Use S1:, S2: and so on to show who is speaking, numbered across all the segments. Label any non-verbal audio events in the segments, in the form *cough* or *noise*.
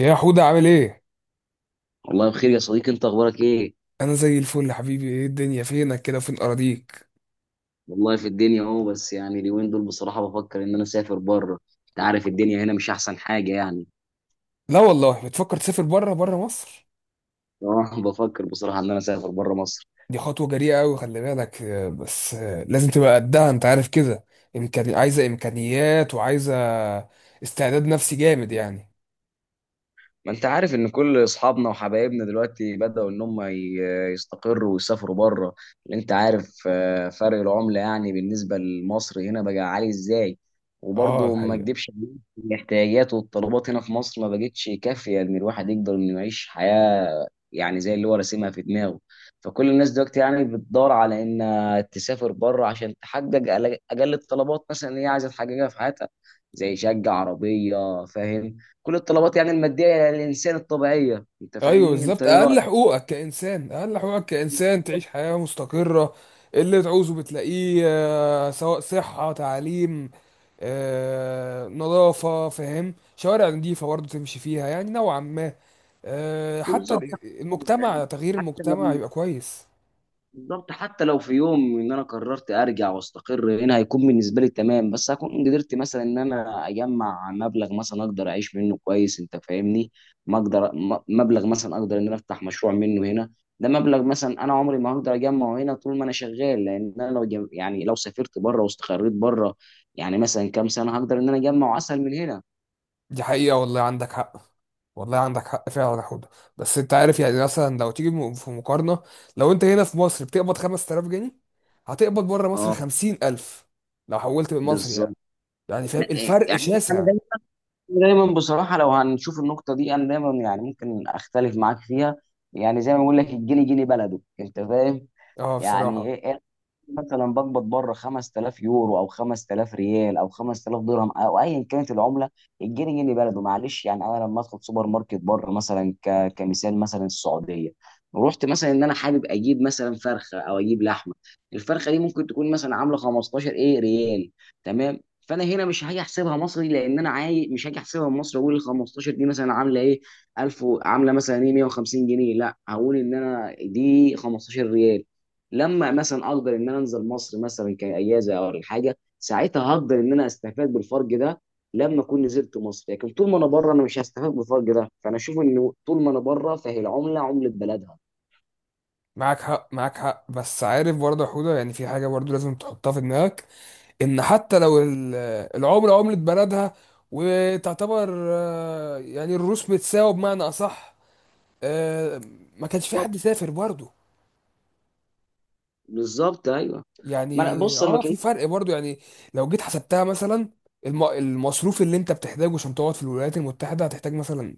S1: يا حودة عامل ايه؟
S2: والله بخير يا صديقي، انت اخبارك ايه؟
S1: انا زي الفل يا حبيبي، ايه الدنيا فينك كده وفين اراضيك؟
S2: والله في الدنيا اهو، بس يعني اليومين دول بصراحه بفكر ان انا اسافر بره. انت عارف الدنيا هنا مش احسن حاجه يعني.
S1: لا والله، بتفكر تسافر بره مصر؟
S2: اه بفكر بصراحه ان انا اسافر بره مصر.
S1: دي خطوة جريئة قوي، خلي بالك. بس لازم تبقى قدها، انت عارف كده. عايزة امكانيات وعايزة استعداد نفسي جامد يعني.
S2: ما انت عارف ان كل اصحابنا وحبايبنا دلوقتي بدأوا ان هم يستقروا ويسافروا بره. اللي انت عارف فرق العملة يعني بالنسبة لمصر هنا بقى عالي ازاي،
S1: اه،
S2: وبرضه ما
S1: الحقيقة.
S2: اكدبش عليك، الاحتياجات والطلبات هنا في مصر ما بقتش كافية ان الواحد يقدر انه يعيش حياة يعني زي اللي هو راسمها في دماغه. فكل الناس دلوقتي يعني بتدور على ان تسافر بره عشان تحقق أقل الطلبات مثلا اللي هي عايزة تحققها في حياتها، زي شقة، عربية، فاهم؟ كل الطلبات يعني المادية، يعني الإنسان الطبيعية، أنت
S1: ايوه
S2: فاهمني، أنت
S1: بالظبط،
S2: إيه رأيك؟
S1: اقل حقوقك كانسان تعيش حياه مستقره، اللي تعوزه بتلاقيه، سواء صحه، تعليم، نظافه، فاهم، شوارع نظيفه برضه تمشي فيها يعني نوعا ما، حتى
S2: بالظبط. يعني
S1: تغيير
S2: حتى
S1: المجتمع
S2: لو،
S1: يبقى كويس.
S2: بالظبط حتى لو في يوم ان انا قررت ارجع واستقر هنا هيكون بالنسبه لي تمام، بس هكون قدرت مثلا ان انا اجمع مبلغ مثلا اقدر اعيش منه كويس، انت فاهمني؟ ما اقدر مبلغ مثلا اقدر ان انا افتح مشروع منه هنا. ده مبلغ مثلا انا عمري ما هقدر اجمعه هنا طول ما انا شغال، لان انا لو يعني لو سافرت بره واستقريت بره، يعني مثلا كام سنه هقدر ان انا اجمعه اسهل من هنا.
S1: دي حقيقة، والله عندك حق. والله عندك حق فعلا يا حوده. بس انت عارف، يعني مثلا لو تيجي في مقارنة، لو انت هنا في مصر بتقبض 5000 جنيه، هتقبض بره مصر
S2: اه
S1: 50000 لو حولت بالمصري يعني.
S2: بالظبط.
S1: يعني فاهم
S2: لا، إيه،
S1: الفرق
S2: يعني انا
S1: شاسع.
S2: دايما، بصراحه لو هنشوف النقطه دي انا دايما يعني ممكن اختلف معاك فيها. يعني زي ما بقول لك، الجني جني بلده، انت فاهم؟
S1: اه، بصراحة.
S2: يعني ايه، مثلا بقبض بره 5000 يورو او 5000 ريال او 5000 درهم او ايا كانت العمله، الجنيه جنيه بلده، معلش. يعني انا لما ادخل سوبر ماركت بره مثلا، كمثال مثلا السعوديه، رحت مثلا ان انا حابب اجيب مثلا فرخه او اجيب لحمه، الفرخه دي ممكن تكون مثلا عامله 15 ايه ريال، تمام؟ فانا هنا مش هاجي احسبها مصري، لان انا مش هاجي احسبها مصري اقول ال 15 دي مثلا عامله ايه، عامله مثلا ايه 150 جنيه، لا هقول ان انا دي 15 ريال. لما مثلا اقدر ان انا انزل مصر مثلا كاجازه او الحاجه، ساعتها هقدر ان انا استفاد بالفرق ده، لما اكون نزلت مصر. لكن طول ما انا بره انا مش هستفاد بالفرق ده، فانا اشوف انه طول ما انا بره فهي العمله عمله بلدها.
S1: معاك حق معاك حق، بس عارف برضه يا حوده، يعني في حاجة برضه لازم تحطها في دماغك، ان حتى لو العملة عملة بلدها، وتعتبر يعني الروس متساوي بمعنى اصح. آه، ما كانش في
S2: بالظبط،
S1: حد سافر برضه،
S2: بالظبط، ايوه. ما انا
S1: يعني
S2: بص انا ما
S1: اه في
S2: كانش.
S1: فرق برضو يعني. لو جيت حسبتها مثلا، المصروف اللي انت بتحتاجه عشان تقعد في الولايات المتحدة، هتحتاج مثلا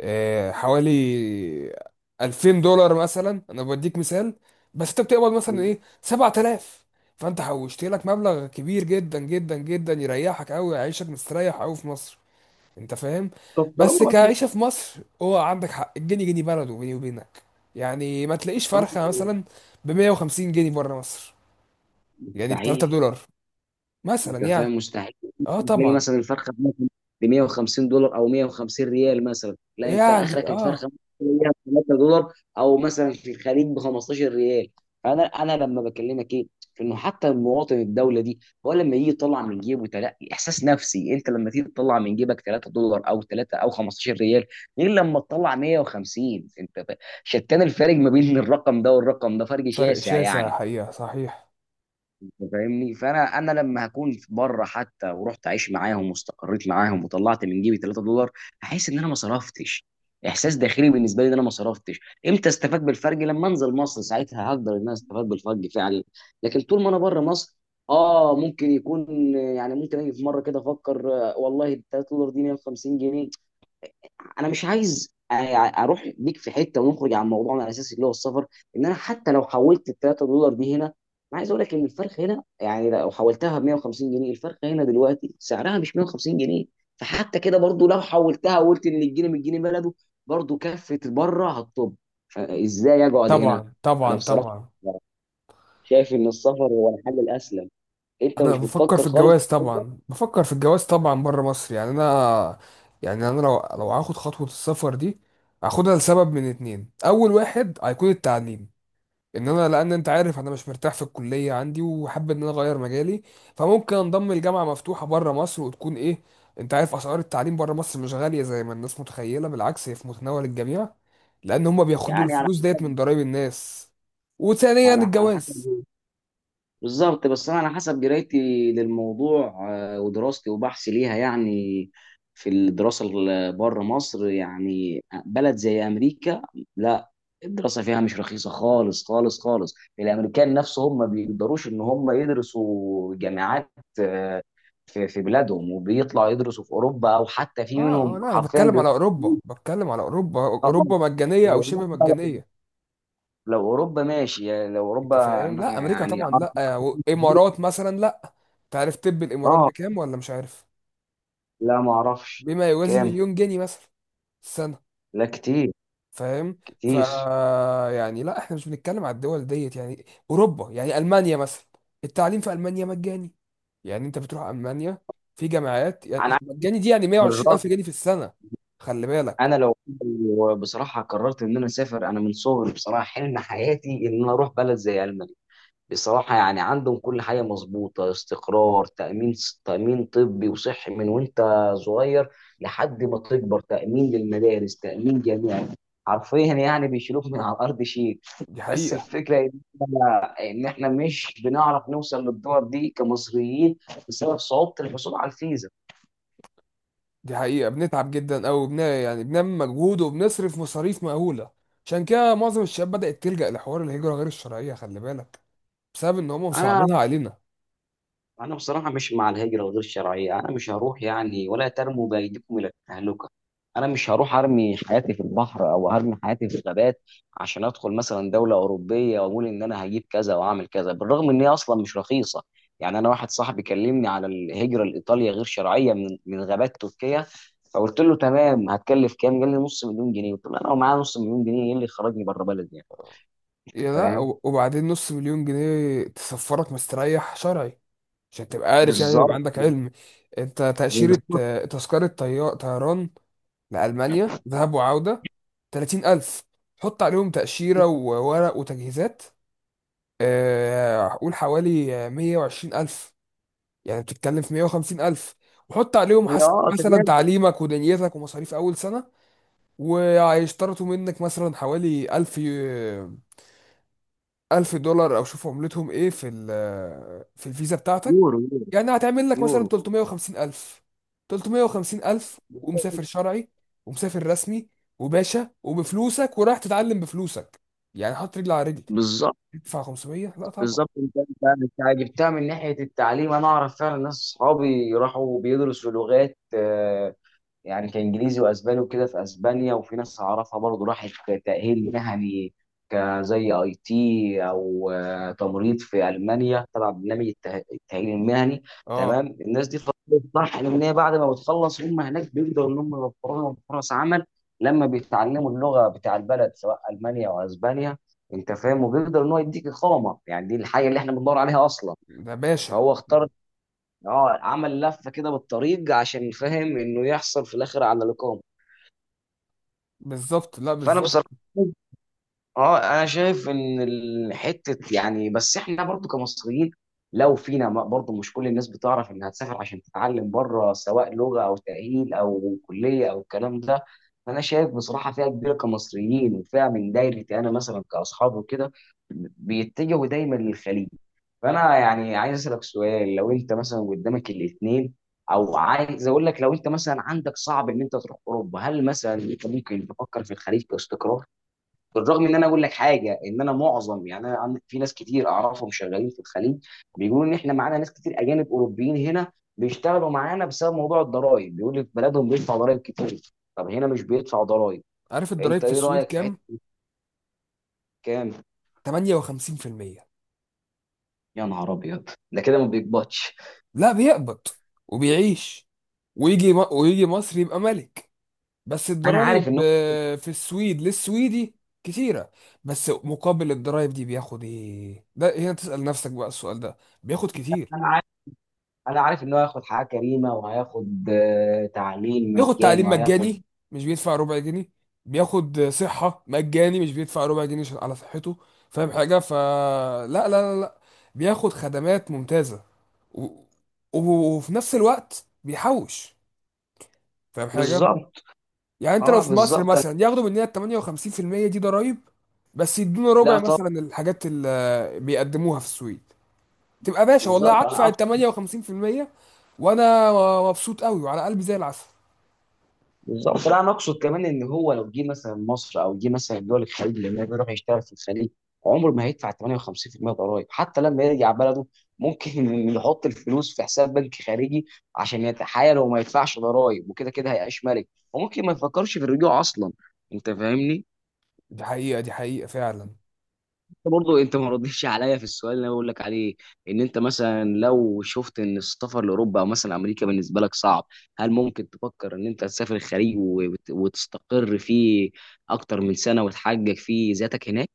S1: حوالي 2000 دولار، مثلا انا بديك مثال، بس انت بتقبض مثلا ايه 7000، فانت حوشت لك مبلغ كبير جدا جدا جدا، يريحك قوي، يعيشك مستريح قوي في مصر، انت فاهم.
S2: طب
S1: بس
S2: طالما،
S1: كعيشة في مصر هو عندك حق، الجنيه جنيه بلده بيني وبينك. يعني ما تلاقيش فرخة
S2: أنا-
S1: مثلا ب 150 جنيه بره مصر، يعني ب 3
S2: مستحيل.
S1: دولار مثلا
S2: انت
S1: يعني.
S2: فاهم، مستحيل
S1: اه
S2: تلاقي
S1: طبعا.
S2: مثلا الفرخه ب 150 دولار او 150 ريال مثلا، لا، انت
S1: يعني
S2: اخرك الفرخه
S1: اه،
S2: ممكن تلاقيها ب 3 دولار او مثلا في الخليج ب 15 ريال. فانا لما بكلمك ايه، في انه حتى المواطن الدوله دي هو لما يجي يطلع من جيبه تلاقي احساس نفسي، انت لما تيجي تطلع من جيبك 3 دولار او 3 او 15 ريال، غير لما تطلع 150. انت ف- شتان الفارق ما بين الرقم ده والرقم ده، فرق
S1: فرق
S2: شاسع
S1: شاسع،
S2: يعني،
S1: حقيقة صحيح.
S2: انت فاهمني. فانا لما هكون بره حتى ورحت اعيش معاهم واستقريت معاهم وطلعت من جيبي 3 دولار، هحس ان انا ما صرفتش، احساس داخلي بالنسبه لي ان انا ما صرفتش. امتى استفاد بالفرق؟ لما انزل مصر، ساعتها هقدر ان انا استفاد بالفرق فعلا. لكن طول ما انا بره مصر، اه ممكن يكون يعني ممكن اجي في مره كده افكر، والله ال 3 دولار دي 150 جنيه. انا مش عايز يعني اروح بيك في حته ونخرج عن موضوعنا الاساسي اللي هو السفر، ان انا حتى لو حولت ال 3 دولار دي هنا، انا عايز اقول لك ان الفرق هنا، يعني لو حولتها ب 150 جنيه، الفرق هنا دلوقتي سعرها مش 150 جنيه. فحتى كده برضو لو حولتها وقلت ان الجنيه من الجنيه بلده، برضو كفه بره هتطب، فازاي اقعد هنا؟
S1: طبعا
S2: انا
S1: طبعا
S2: بصراحه
S1: طبعا.
S2: شايف ان السفر هو الحل الاسلم. انت
S1: انا
S2: مش
S1: بفكر في
S2: بتفكر خالص؟
S1: الجواز طبعا، بفكر في الجواز طبعا بره مصر، يعني انا يعني انا لو هاخد خطوة السفر دي، هاخدها لسبب من اتنين. اول واحد هيكون التعليم، ان انا لان انت عارف انا مش مرتاح في الكليه عندي، وحابب ان انا اغير مجالي، فممكن انضم لجامعه مفتوحه بره مصر وتكون ايه، انت عارف اسعار التعليم بره مصر مش غاليه زي ما الناس متخيله، بالعكس هي في متناول الجميع، لان هم بياخدوا
S2: يعني على
S1: الفلوس ديت
S2: حسب.
S1: من ضرائب الناس. وثانيا
S2: على
S1: الجواز.
S2: حسب، بالظبط، بس انا على حسب قرايتي للموضوع ودراستي وبحثي ليها، يعني في الدراسه بره مصر يعني، بلد زي امريكا، لا، الدراسه فيها مش رخيصه خالص خالص خالص. الامريكان نفسهم ما بيقدروش ان هم يدرسوا جامعات آه، في بلادهم، وبيطلعوا يدرسوا في اوروبا، او حتى في
S1: اه اه،
S2: منهم
S1: لا انا
S2: حرفيا
S1: بتكلم على
S2: بيروحوا.
S1: اوروبا، بتكلم على اوروبا،
S2: آه،
S1: اوروبا مجانيه او
S2: لو
S1: شبه
S2: أوروبا،
S1: مجانيه،
S2: لو أوروبا ماشي، يعني لو
S1: انت
S2: اوروبا
S1: فاهم، لا
S2: انا
S1: امريكا
S2: يعني اه.
S1: طبعا لا، وامارات مثلا لا. تعرف طب الامارات
S2: آه،
S1: بكام ولا مش عارف؟
S2: لا ما اعرفش.
S1: بما يوازي
S2: كام؟
S1: مليون جنيه مثلا،
S2: لا كتير،
S1: فاهم. ف
S2: كتير.
S1: يعني لا احنا مش بنتكلم على الدول ديت يعني، اوروبا يعني المانيا مثلا، التعليم في المانيا مجاني، يعني انت بتروح المانيا في جامعات
S2: انا
S1: يعني
S2: عايز
S1: مجاني دي، يعني 120 الف
S2: بالراجل،
S1: جنيه في السنه، خلي بالك.
S2: انا لو بصراحه قررت ان انا اسافر، انا من صغري بصراحه حلم حياتي ان انا اروح بلد زي المانيا. بصراحه يعني عندهم كل حاجه مظبوطه، استقرار، تامين، تامين طبي وصحي من وانت صغير لحد ما تكبر، تامين للمدارس، تامين جامعي، حرفيا يعني بيشيلوك من على الارض شيء.
S1: دي
S2: بس
S1: حقيقه،
S2: الفكره ان احنا، إن إحنا مش بنعرف نوصل للدول دي كمصريين بسبب صعوبه الحصول على الفيزا.
S1: دي حقيقه، بنتعب جدا، او يعني بنعمل مجهود وبنصرف مصاريف مهوله، عشان كده معظم الشباب بدات تلجا لحوار الهجره غير الشرعيه، خلي بالك، بسبب ان هم
S2: انا
S1: مصعبينها علينا.
S2: انا بصراحه مش مع الهجره الغير شرعيه، انا مش هروح يعني، ولا ترموا بايديكم الى التهلكه. انا مش هروح ارمي حياتي في البحر او ارمي حياتي في الغابات عشان ادخل مثلا دوله اوروبيه، واقول ان انا هجيب كذا واعمل كذا، بالرغم ان هي اصلا مش رخيصه. يعني انا واحد صاحبي كلمني على الهجره لايطاليا غير شرعيه من غابات تركيا، فقلت له تمام هتكلف كام، قال لي نص مليون جنيه، قلت له انا ومعايا نص مليون جنيه ايه اللي يخرجني بره بلدي يعني.
S1: يا لا،
S2: فاهم.
S1: وبعدين نص مليون جنيه تسفرك مستريح شرعي، عشان تبقى عارف يعني، يبقى
S2: بالظبط
S1: عندك علم. انت
S2: *laughs*
S1: تأشيرة،
S2: بالظبط.
S1: تذكرة طيران لألمانيا ذهاب وعودة، 30000، حط عليهم تأشيرة وورق وتجهيزات، قول حوالي 120000، يعني بتتكلم في 150000، وحط عليهم حسب
S2: اه
S1: مثلا
S2: تمام.
S1: تعليمك ودنيتك ومصاريف أول سنة، وهيشترطوا منك مثلا حوالي 1000 1000 دولار، او شوف عملتهم ايه في في الفيزا بتاعتك.
S2: يورو.
S1: يعني هتعمل لك مثلا
S2: يورو.
S1: 350 الف، 350 الف، ومسافر شرعي، ومسافر رسمي، وباشا، وبفلوسك، ورايح تتعلم بفلوسك، يعني حط رجل على رجل،
S2: بالظبط.
S1: تدفع 500، لا طبعا.
S2: بالظبط، انت انت جبتها من ناحيه التعليم. انا اعرف فعلا ناس اصحابي راحوا بيدرسوا لغات، يعني كانجليزي واسباني وكده في اسبانيا، وفي ناس اعرفها برضه راحت تاهيل مهني كزي اي تي، او تمريض في المانيا تبع برنامج التاهيل المهني.
S1: اه،
S2: تمام، الناس دي فضلت صح ان هي بعد ما بتخلص هم هناك بيقدروا ان هم يوفروا لهم فرص عمل لما بيتعلموا اللغه بتاع البلد سواء المانيا او اسبانيا، انت فاهم، وبيقدر ان هو يديك اقامه، يعني دي الحاجه اللي احنا بندور عليها اصلا.
S1: ده باشا.
S2: فهو اختار، اه، عمل لفه كده بالطريق عشان فاهم انه يحصل في الاخر على الاقامه.
S1: بالظبط، لا
S2: فانا
S1: بالظبط.
S2: بصراحه اه انا شايف ان الحته يعني، بس احنا برضو كمصريين لو فينا برضو مش كل الناس بتعرف انها تسافر عشان تتعلم بره سواء لغه او تاهيل او كليه او الكلام ده. فانا شايف بصراحه فئه كبيره كمصريين وفئه من دايرتي انا مثلا كاصحابي وكده بيتجهوا دايما للخليج. فانا يعني عايز اسالك سؤال، لو انت مثلا قدامك الاثنين، او عايز اقول لك لو انت مثلا عندك صعب ان انت تروح اوروبا، هل مثلا انت ممكن تفكر في الخليج باستقرار؟ بالرغم ان انا اقول لك حاجه، ان انا معظم يعني انا في ناس كتير اعرفهم شغالين في الخليج، بيقولوا ان احنا معانا ناس كتير اجانب اوروبيين هنا بيشتغلوا معانا بسبب موضوع الضرائب، بيقول لك بلدهم بيدفع ضرائب كتير، طب هنا مش بيدفع ضرائب.
S1: عارف الضرايب
S2: فانت
S1: في
S2: ايه
S1: السويد
S2: رايك في
S1: كام؟
S2: حته؟ كام؟
S1: 58%.
S2: يا نهار ابيض، ده كده ما بيقبضش.
S1: لا، بيقبض وبيعيش. ويجي ويجي مصر يبقى ملك. بس
S2: انا عارف
S1: الضرايب
S2: ان هو،
S1: في السويد للسويدي كتيرة، بس مقابل الضرايب دي بياخد ايه، ده هنا تسأل نفسك بقى السؤال ده. بياخد كتير.
S2: انا عارف انا عارف ان هو هياخد حياه كريمه، وهياخد تعليم
S1: بياخد
S2: مجاني،
S1: تعليم
S2: وهياخد.
S1: مجاني، مش بيدفع ربع جنيه. بياخد صحة مجاني مش بيدفع ربع جنيه على صحته، فاهم حاجة؟ فلا لا لا لا لا. بياخد خدمات ممتازة، و... و- وفي نفس الوقت بيحوش، فاهم حاجة؟
S2: بالظبط.
S1: يعني انت لو
S2: اه
S1: في مصر
S2: بالظبط.
S1: مثلا ياخدوا مننا ال 58% دي ضرائب، بس يدونا ربع
S2: لا طب،
S1: مثلا الحاجات اللي بيقدموها في السويد، تبقى باشا والله،
S2: بالظبط.
S1: هدفع
S2: انا،
S1: ال 58%، وانا مبسوط قوي وعلى قلبي زي العسل.
S2: بالظبط، لا انا اقصد كمان ان هو لو جه مثلا مصر او جه مثلا دول الخليج، لان هو بيروح يشتغل في الخليج، عمره ما هيدفع 58% ضرائب، حتى لما يرجع بلده ممكن *laughs* يحط الفلوس في حساب بنك خارجي عشان يتحايل وما يدفعش ضرائب، وكده كده هيعيش ملك، وممكن ما يفكرش في الرجوع اصلا، انت فاهمني.
S1: دي حقيقة، دي حقيقة فعلا.
S2: برضه انت ما ردتش عليا في السؤال اللي انا بقول لك عليه، ان انت مثلا لو شفت ان السفر لاوروبا او مثلا امريكا بالنسبه لك صعب، هل ممكن تفكر ان انت تسافر الخليج وتستقر فيه اكتر من سنه وتحقق فيه ذاتك هناك؟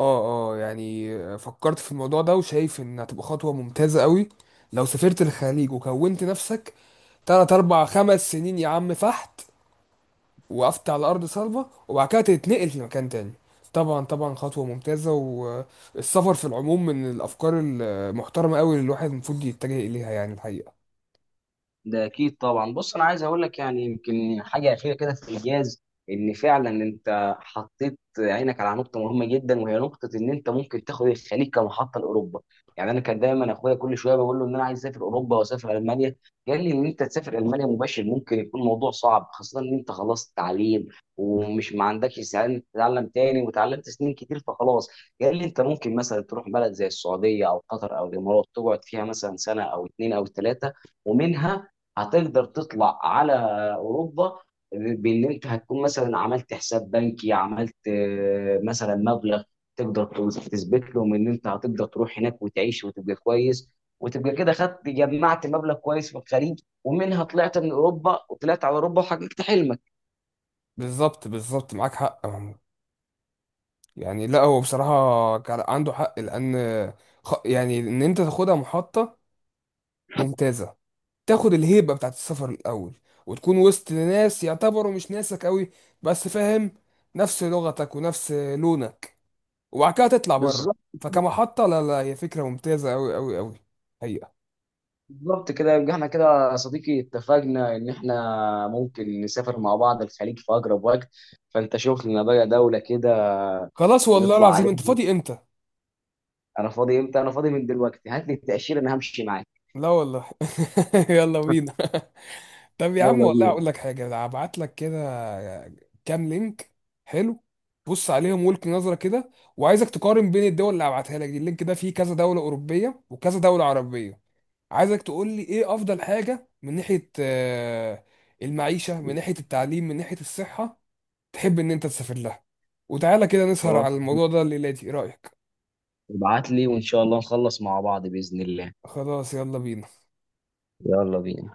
S1: اه اه، يعني فكرت في الموضوع ده وشايف ان هتبقى خطوة ممتازة قوي، لو سافرت الخليج وكونت نفسك تلات اربع خمس سنين، يا عم فحت، وقفت على ارض صلبه، وبعد كده تتنقل لمكان تاني. طبعا طبعا، خطوه ممتازه، والسفر في العموم من الافكار المحترمه قوي اللي الواحد المفروض يتجه اليها، يعني الحقيقه.
S2: ده اكيد طبعا. بص، انا عايز اقول لك يعني يمكن حاجه اخيره كده في الانجاز، ان فعلا انت حطيت عينك على نقطه مهمه جدا، وهي نقطه ان انت ممكن تاخد الخليج كمحطه لاوروبا. يعني انا كان دايما اخويا كل شويه بقول له ان انا عايز اسافر اوروبا واسافر المانيا، قال لي ان انت تسافر المانيا مباشر ممكن يكون الموضوع صعب، خاصه ان انت خلصت تعليم ومش ما عندكش استعداد إنك تتعلم تاني، وتعلمت سنين كتير فخلاص. قال لي انت ممكن مثلا تروح بلد زي السعوديه او قطر او الامارات، تقعد فيها مثلا سنه او اتنين او تلاته، ومنها هتقدر تطلع على اوروبا، بان انت هتكون مثلا عملت حساب بنكي، عملت مثلا مبلغ تقدر تثبت لهم ان انت هتقدر تروح هناك وتعيش وتبقى كويس، وتبقى كده خدت جمعت مبلغ كويس في الخليج، ومنها طلعت من اوروبا وطلعت على اوروبا وحققت حلمك.
S1: بالظبط بالظبط، معاك حق يا محمود. يعني لا هو بصراحه كان عنده حق، لان يعني ان انت تاخدها محطه ممتازه، تاخد الهيبه بتاعت السفر الاول، وتكون وسط ناس يعتبروا مش ناسك قوي، بس فاهم، نفس لغتك ونفس لونك، وبعد كده تطلع بره،
S2: بالظبط.
S1: فكمحطة لا لا، هي فكرة ممتازة أوي أوي أوي، حقيقة.
S2: بالظبط، كده يبقى احنا كده يا صديقي اتفقنا ان احنا ممكن نسافر مع بعض الخليج في اقرب وقت. فانت شوف لنا بقى دولة كده
S1: خلاص والله
S2: نطلع
S1: العظيم،
S2: عليها.
S1: أنت فاضي إمتى؟
S2: انا فاضي امتى؟ انا فاضي من دلوقتي، هات لي التاشيره انا همشي معاك.
S1: لا والله *laughs* يلا بينا. *laughs* طب يا عم،
S2: يلا
S1: والله
S2: بينا.
S1: أقول لك حاجة. هبعت لك كده كام لينك، حلو، بص عليهم والك نظرة كده، وعايزك تقارن بين الدول اللي هبعتها لك دي. اللينك ده فيه كذا دولة أوروبية وكذا دولة عربية، عايزك تقول لي إيه أفضل حاجة من ناحية المعيشة، من ناحية التعليم، من ناحية الصحة، تحب ان انت تسافر لها، وتعالى كده نسهر
S2: خلاص،
S1: على الموضوع ده الليلة دي، ايه رأيك؟
S2: ابعت لي وان شاء الله نخلص مع بعض باذن الله.
S1: خلاص، يلا بينا
S2: يلا بينا.